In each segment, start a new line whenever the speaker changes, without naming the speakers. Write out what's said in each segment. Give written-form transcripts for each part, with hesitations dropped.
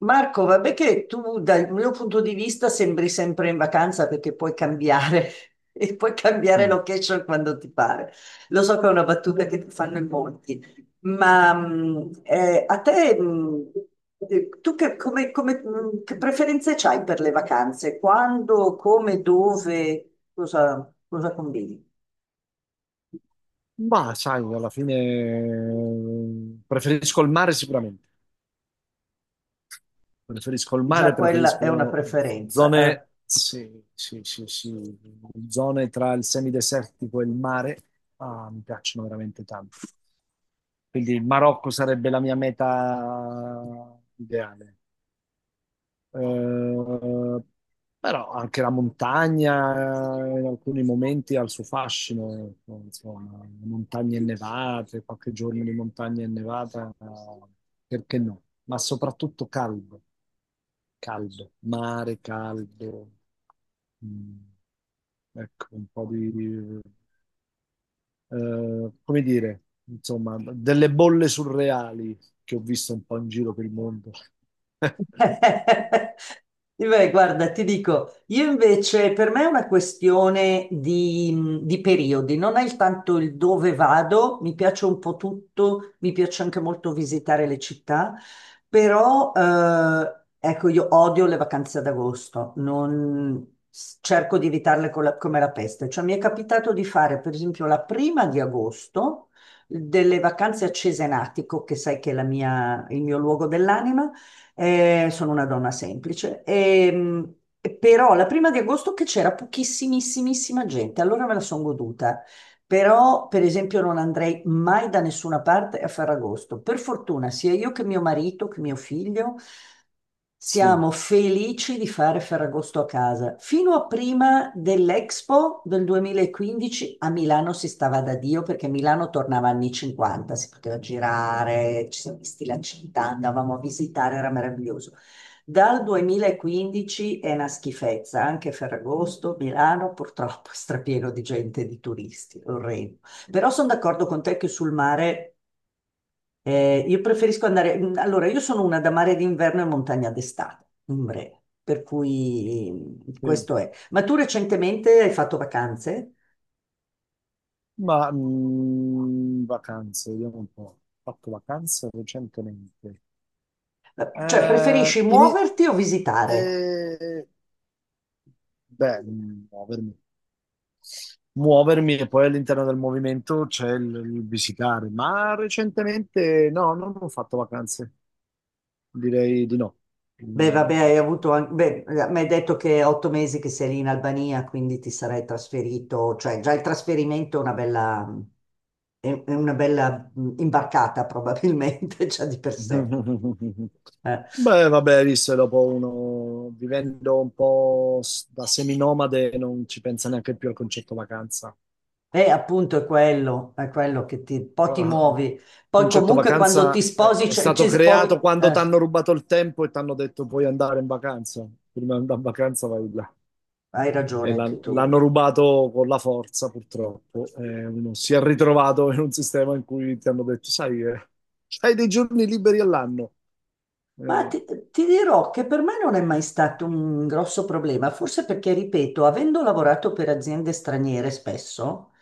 Marco, vabbè che tu dal mio punto di vista sembri sempre in vacanza perché puoi cambiare e puoi cambiare
Mm.
location quando ti pare. Lo so che è una battuta che ti fanno in molti, ma a te, tu che, che preferenze hai per le vacanze? Quando, come, dove, cosa, cosa combini?
Ma sai, alla fine preferisco il mare sicuramente. Preferisco il
Già
mare,
quella è una
preferisco
preferenza,
zone,
eh.
sì, sì, sì, sì, zone tra il semidesertico e il mare. Ah, mi piacciono veramente tanto. Quindi il Marocco sarebbe la mia meta ideale. Eh, Però anche la montagna in alcuni momenti ha il suo fascino, ecco, insomma, le montagne innevate, qualche giorno di montagna innevata, perché no? Ma soprattutto caldo, caldo, mare caldo, mm, ecco, come dire, insomma, delle bolle surreali che ho visto un po' in giro per il mondo.
Beh, guarda, ti dico, io invece per me è una questione di periodi, non è il tanto il dove vado, mi piace un po' tutto, mi piace anche molto visitare le città, però ecco, io odio le vacanze ad agosto, cerco di evitarle come la peste, cioè mi è capitato di fare per esempio la prima di agosto delle vacanze a Cesenatico, che sai che è il mio luogo dell'anima, sono una donna semplice. Però la prima di agosto che c'era pochissimissimissima gente, allora me la sono goduta. Però, per esempio, non andrei mai da nessuna parte a Ferragosto. Per fortuna, sia io che mio marito, che mio figlio,
Sì,
siamo felici di fare Ferragosto a casa. Fino a prima dell'Expo del 2015 a Milano si stava da Dio, perché Milano tornava anni 50, si poteva girare, ci siamo visti la città, andavamo a visitare, era meraviglioso. Dal 2015 è una schifezza, anche Ferragosto, Milano purtroppo è strapieno di gente, di turisti, orrendo. Però sono d'accordo con te che sul mare io preferisco andare. Allora, io sono una da mare d'inverno e montagna d'estate, in breve, per cui
sì.
questo è. Ma tu recentemente hai fatto vacanze?
Ma vacanze, vediamo un po'. Ho fatto vacanze recentemente.
Cioè,
Eh,
preferisci
ini-
muoverti o visitare?
eh, beh, muovermi. Muovermi e poi all'interno del movimento c'è il visitare, ma recentemente no, non ho fatto vacanze, direi di no.
Beh,
Mm.
vabbè, hai avuto anche, beh, mi hai detto che è 8 mesi che sei lì in Albania, quindi ti sarai trasferito, cioè già il trasferimento è una bella, è una bella imbarcata probabilmente già di per sé. Eh.
Beh, vabbè, visto che dopo uno vivendo un po' da seminomade non ci pensa neanche più al concetto vacanza.
E appunto è quello che ti, poi ti
Il
muovi. Poi
concetto
comunque quando
vacanza
ti
è
sposi,
è
cioè,
stato
ci sposi,
creato quando ti
eh,
hanno rubato il tempo e ti hanno detto puoi andare in vacanza. Prima di andare in vacanza vai là.
hai
E
ragione anche
l'hanno
tu.
rubato con la forza, purtroppo. E uno si è ritrovato in un sistema in cui ti hanno detto, sai, hai dei giorni liberi all'anno.
Ma
Eh,
ti, ti dirò che per me non è mai stato un grosso problema, forse perché, ripeto, avendo lavorato per aziende straniere spesso,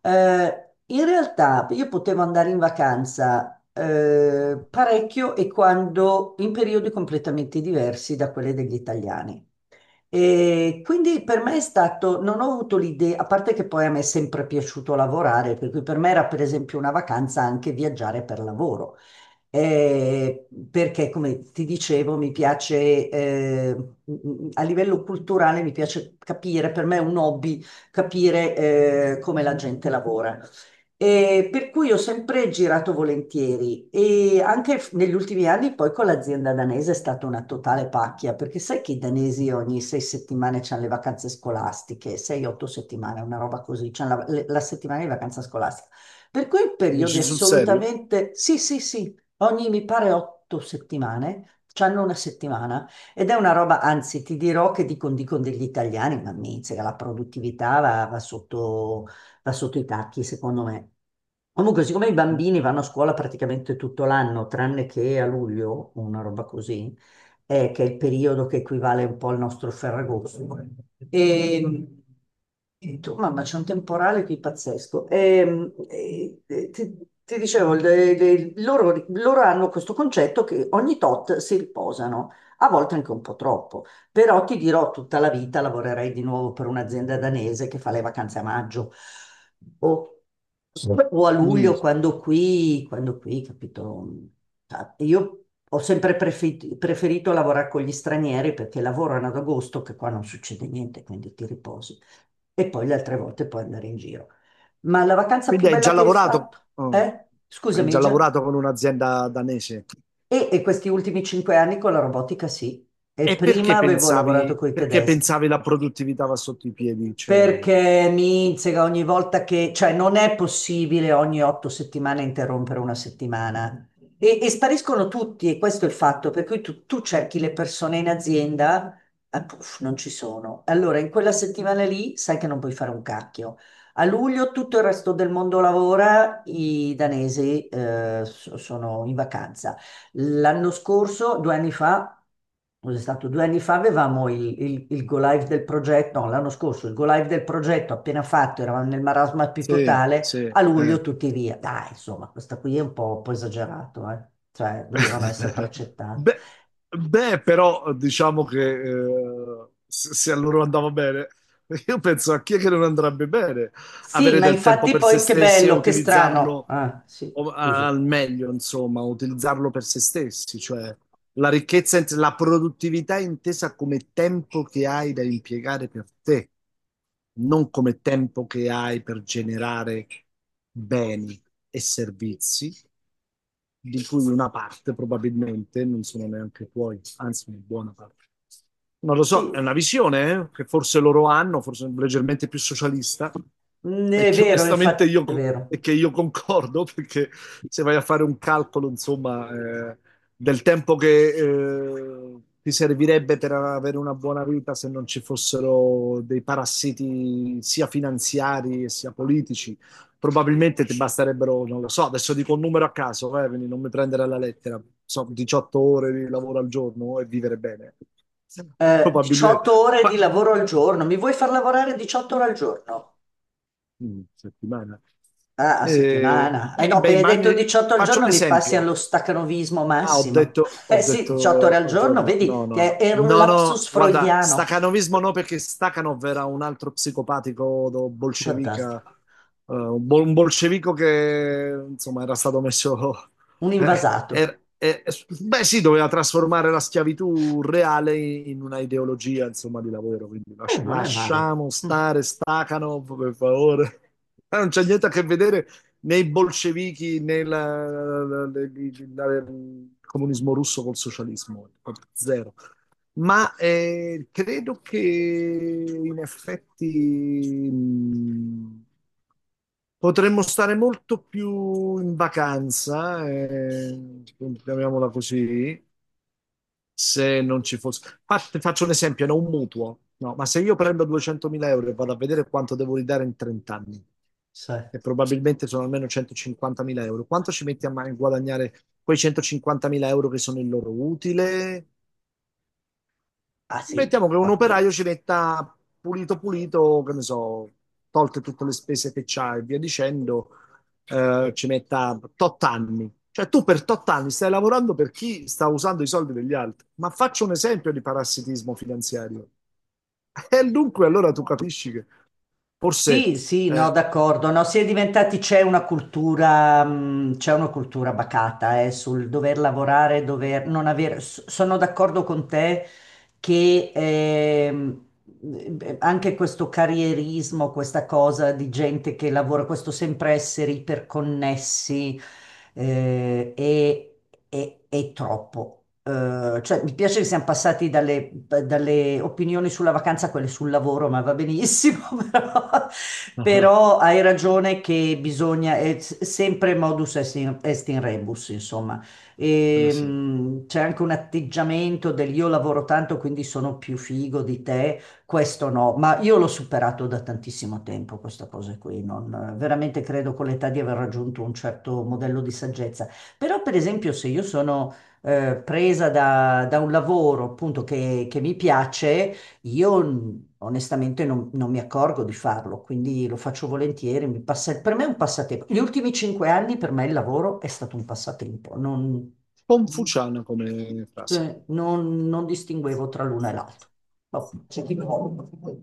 in realtà io potevo andare in vacanza parecchio e quando in periodi completamente diversi da quelli degli italiani. E quindi per me è stato, non ho avuto l'idea, a parte che poi a me è sempre piaciuto lavorare, per cui per me era per esempio una vacanza anche viaggiare per lavoro perché, come ti dicevo, mi piace, a livello culturale, mi piace capire, per me è un hobby, capire, come la gente lavora. E per cui ho sempre girato volentieri e anche negli ultimi anni poi con l'azienda danese è stata una totale pacchia, perché sai che i danesi ogni 6 settimane c'hanno le vacanze scolastiche, 6, 8 settimane, una roba così, c'hanno la settimana di vacanza scolastica. Per cui periodi
dici sul serio?
assolutamente, sì, sì, sì, ogni, mi pare, 8 settimane, c'hanno una settimana ed è una roba, anzi, ti dirò che dicono degli italiani, ma miseria, la produttività va sotto i tacchi, secondo me. Comunque, siccome i bambini vanno a scuola praticamente tutto l'anno, tranne che a luglio, una roba così, che è il periodo che equivale un po' al nostro Ferragosto. E, e tu, mamma, c'è un temporale qui pazzesco. Ti dicevo, loro hanno questo concetto che ogni tot si riposano, a volte anche un po' troppo, però ti dirò tutta la vita lavorerei di nuovo per un'azienda danese che fa le vacanze a maggio. Boh, o a
Mm.
luglio quando qui, capito? Ah, io ho sempre preferito lavorare con gli stranieri perché lavorano ad agosto, che qua non succede niente, quindi ti riposi. E poi le altre volte puoi andare in giro. Ma la vacanza
Quindi
più
hai
bella
già
che hai fatto?
lavorato, oh,
Eh?
hai
Scusami,
già
Gian.
lavorato con un'azienda danese.
E questi ultimi 5 anni con la robotica, sì. E
E
prima avevo lavorato con i
perché
tedeschi.
pensavi la produttività va sotto i piedi? Cioè,
Perché mi insega ogni volta che, cioè non è possibile ogni 8 settimane interrompere una settimana. E spariscono tutti, e questo è il fatto, per cui tu cerchi le persone in azienda, ah, puff, non ci sono. Allora, in quella settimana lì sai che non puoi fare un cacchio. A luglio tutto il resto del mondo lavora, i danesi sono in vacanza. L'anno scorso, due anni fa, cos'è stato? Due anni fa avevamo il go live del progetto, no, l'anno scorso il go live del progetto appena fatto, eravamo nel marasma più
sì,
totale,
sì,
a luglio
eh.
tutti via. Dai, insomma, questa qui è un po' esagerato, eh. Cioè, dovevano essere precettati.
Beh, beh, però diciamo che se a loro andava bene, io penso a chi è che non andrebbe bene
Sì,
avere
ma
del tempo
infatti
per se
poi che
stessi e
bello, che strano.
utilizzarlo
Ah, sì, scusa.
al meglio, insomma, utilizzarlo per se stessi, cioè la ricchezza, la produttività intesa come tempo che hai da impiegare per te, non come tempo che hai per generare beni e servizi di cui una parte probabilmente non sono neanche tuoi, anzi una buona parte. Non lo so, è
Sì,
una visione che forse loro hanno, forse leggermente più socialista,
mm,
e
è
che
vero,
onestamente
infatti, è vero.
e che io concordo, perché se vai a fare un calcolo, insomma, eh, del tempo che ti servirebbe per avere una buona vita se non ci fossero dei parassiti sia finanziari e sia politici, probabilmente ti basterebbero, non lo so, adesso dico un numero a caso, quindi non mi prendere alla lettera, so, 18 ore di lavoro al giorno e vivere bene. Probabilmente.
18 ore di
Ma
lavoro al giorno, mi vuoi far lavorare 18 ore al giorno?
Settimana.
Ah, a settimana. Eh no,
Beh,
appena hai detto 18 al
faccio
giorno
un
mi passi allo
esempio.
stacanovismo
Ah,
massimo.
ho
Eh sì, 18 ore
detto
al
al
giorno,
giorno, no,
vedi,
no, no,
era un
no, no,
lapsus
guarda,
freudiano.
stacanovismo no perché Stakhanov era un altro psicopatico bolscevica,
Fantastico.
un bolscevico che insomma era stato messo.
Un
eh,
invasato.
er- eh, Beh sì, doveva trasformare la schiavitù reale in una ideologia insomma di lavoro, quindi
Non è male.
lasciamo
Mm,
stare Stakhanov per favore. Non c'è niente a che vedere né i bolscevichi né il comunismo russo col socialismo, proprio zero. Ma credo che in effetti potremmo stare molto più in vacanza, chiamiamola così, se non ci fosse... Ah, ti faccio un esempio, no, un mutuo. No, ma se io prendo 200.000 euro e vado a vedere quanto devo ridare in 30 anni,
sì.
e probabilmente sono almeno 150.000 euro, quanto ci metti a guadagnare quei 150.000 euro che sono il loro utile.
Ah sì,
Mettiamo che un
vabbè.
operaio ci metta pulito pulito, che ne so, tolte tutte le spese che c'ha e via dicendo, ci metta tot anni. Cioè tu per tot anni stai lavorando per chi sta usando i soldi degli altri. Ma faccio un esempio di parassitismo finanziario. E dunque allora tu capisci che forse
Sì, sì, no,
eh,
d'accordo. No, si è diventati, c'è una cultura bacata, sul dover lavorare, dover non avere. Sono d'accordo con te che anche questo carrierismo, questa cosa di gente che lavora, questo sempre essere iperconnessi eh, è, è troppo. Cioè, mi piace che siamo passati dalle opinioni sulla vacanza a quelle sul lavoro, ma va benissimo, però,
ah,
però hai ragione che bisogna, è sempre modus est in, est in rebus, insomma.
ah, eh sì,
C'è anche un atteggiamento del io lavoro tanto, quindi sono più figo di te, questo no, ma io l'ho superato da tantissimo tempo, questa cosa qui. Non, veramente credo con l'età di aver raggiunto un certo modello di saggezza. Però, per esempio, se io sono presa da un lavoro appunto che mi piace, io onestamente non mi accorgo di farlo, quindi lo faccio volentieri. Per me è un passatempo. Gli ultimi 5 anni per me il lavoro è stato un passatempo. Non...
confuciana come frase.
Cioè, non distinguevo tra l'una e l'altra. Vabbè, c'è chi vuole.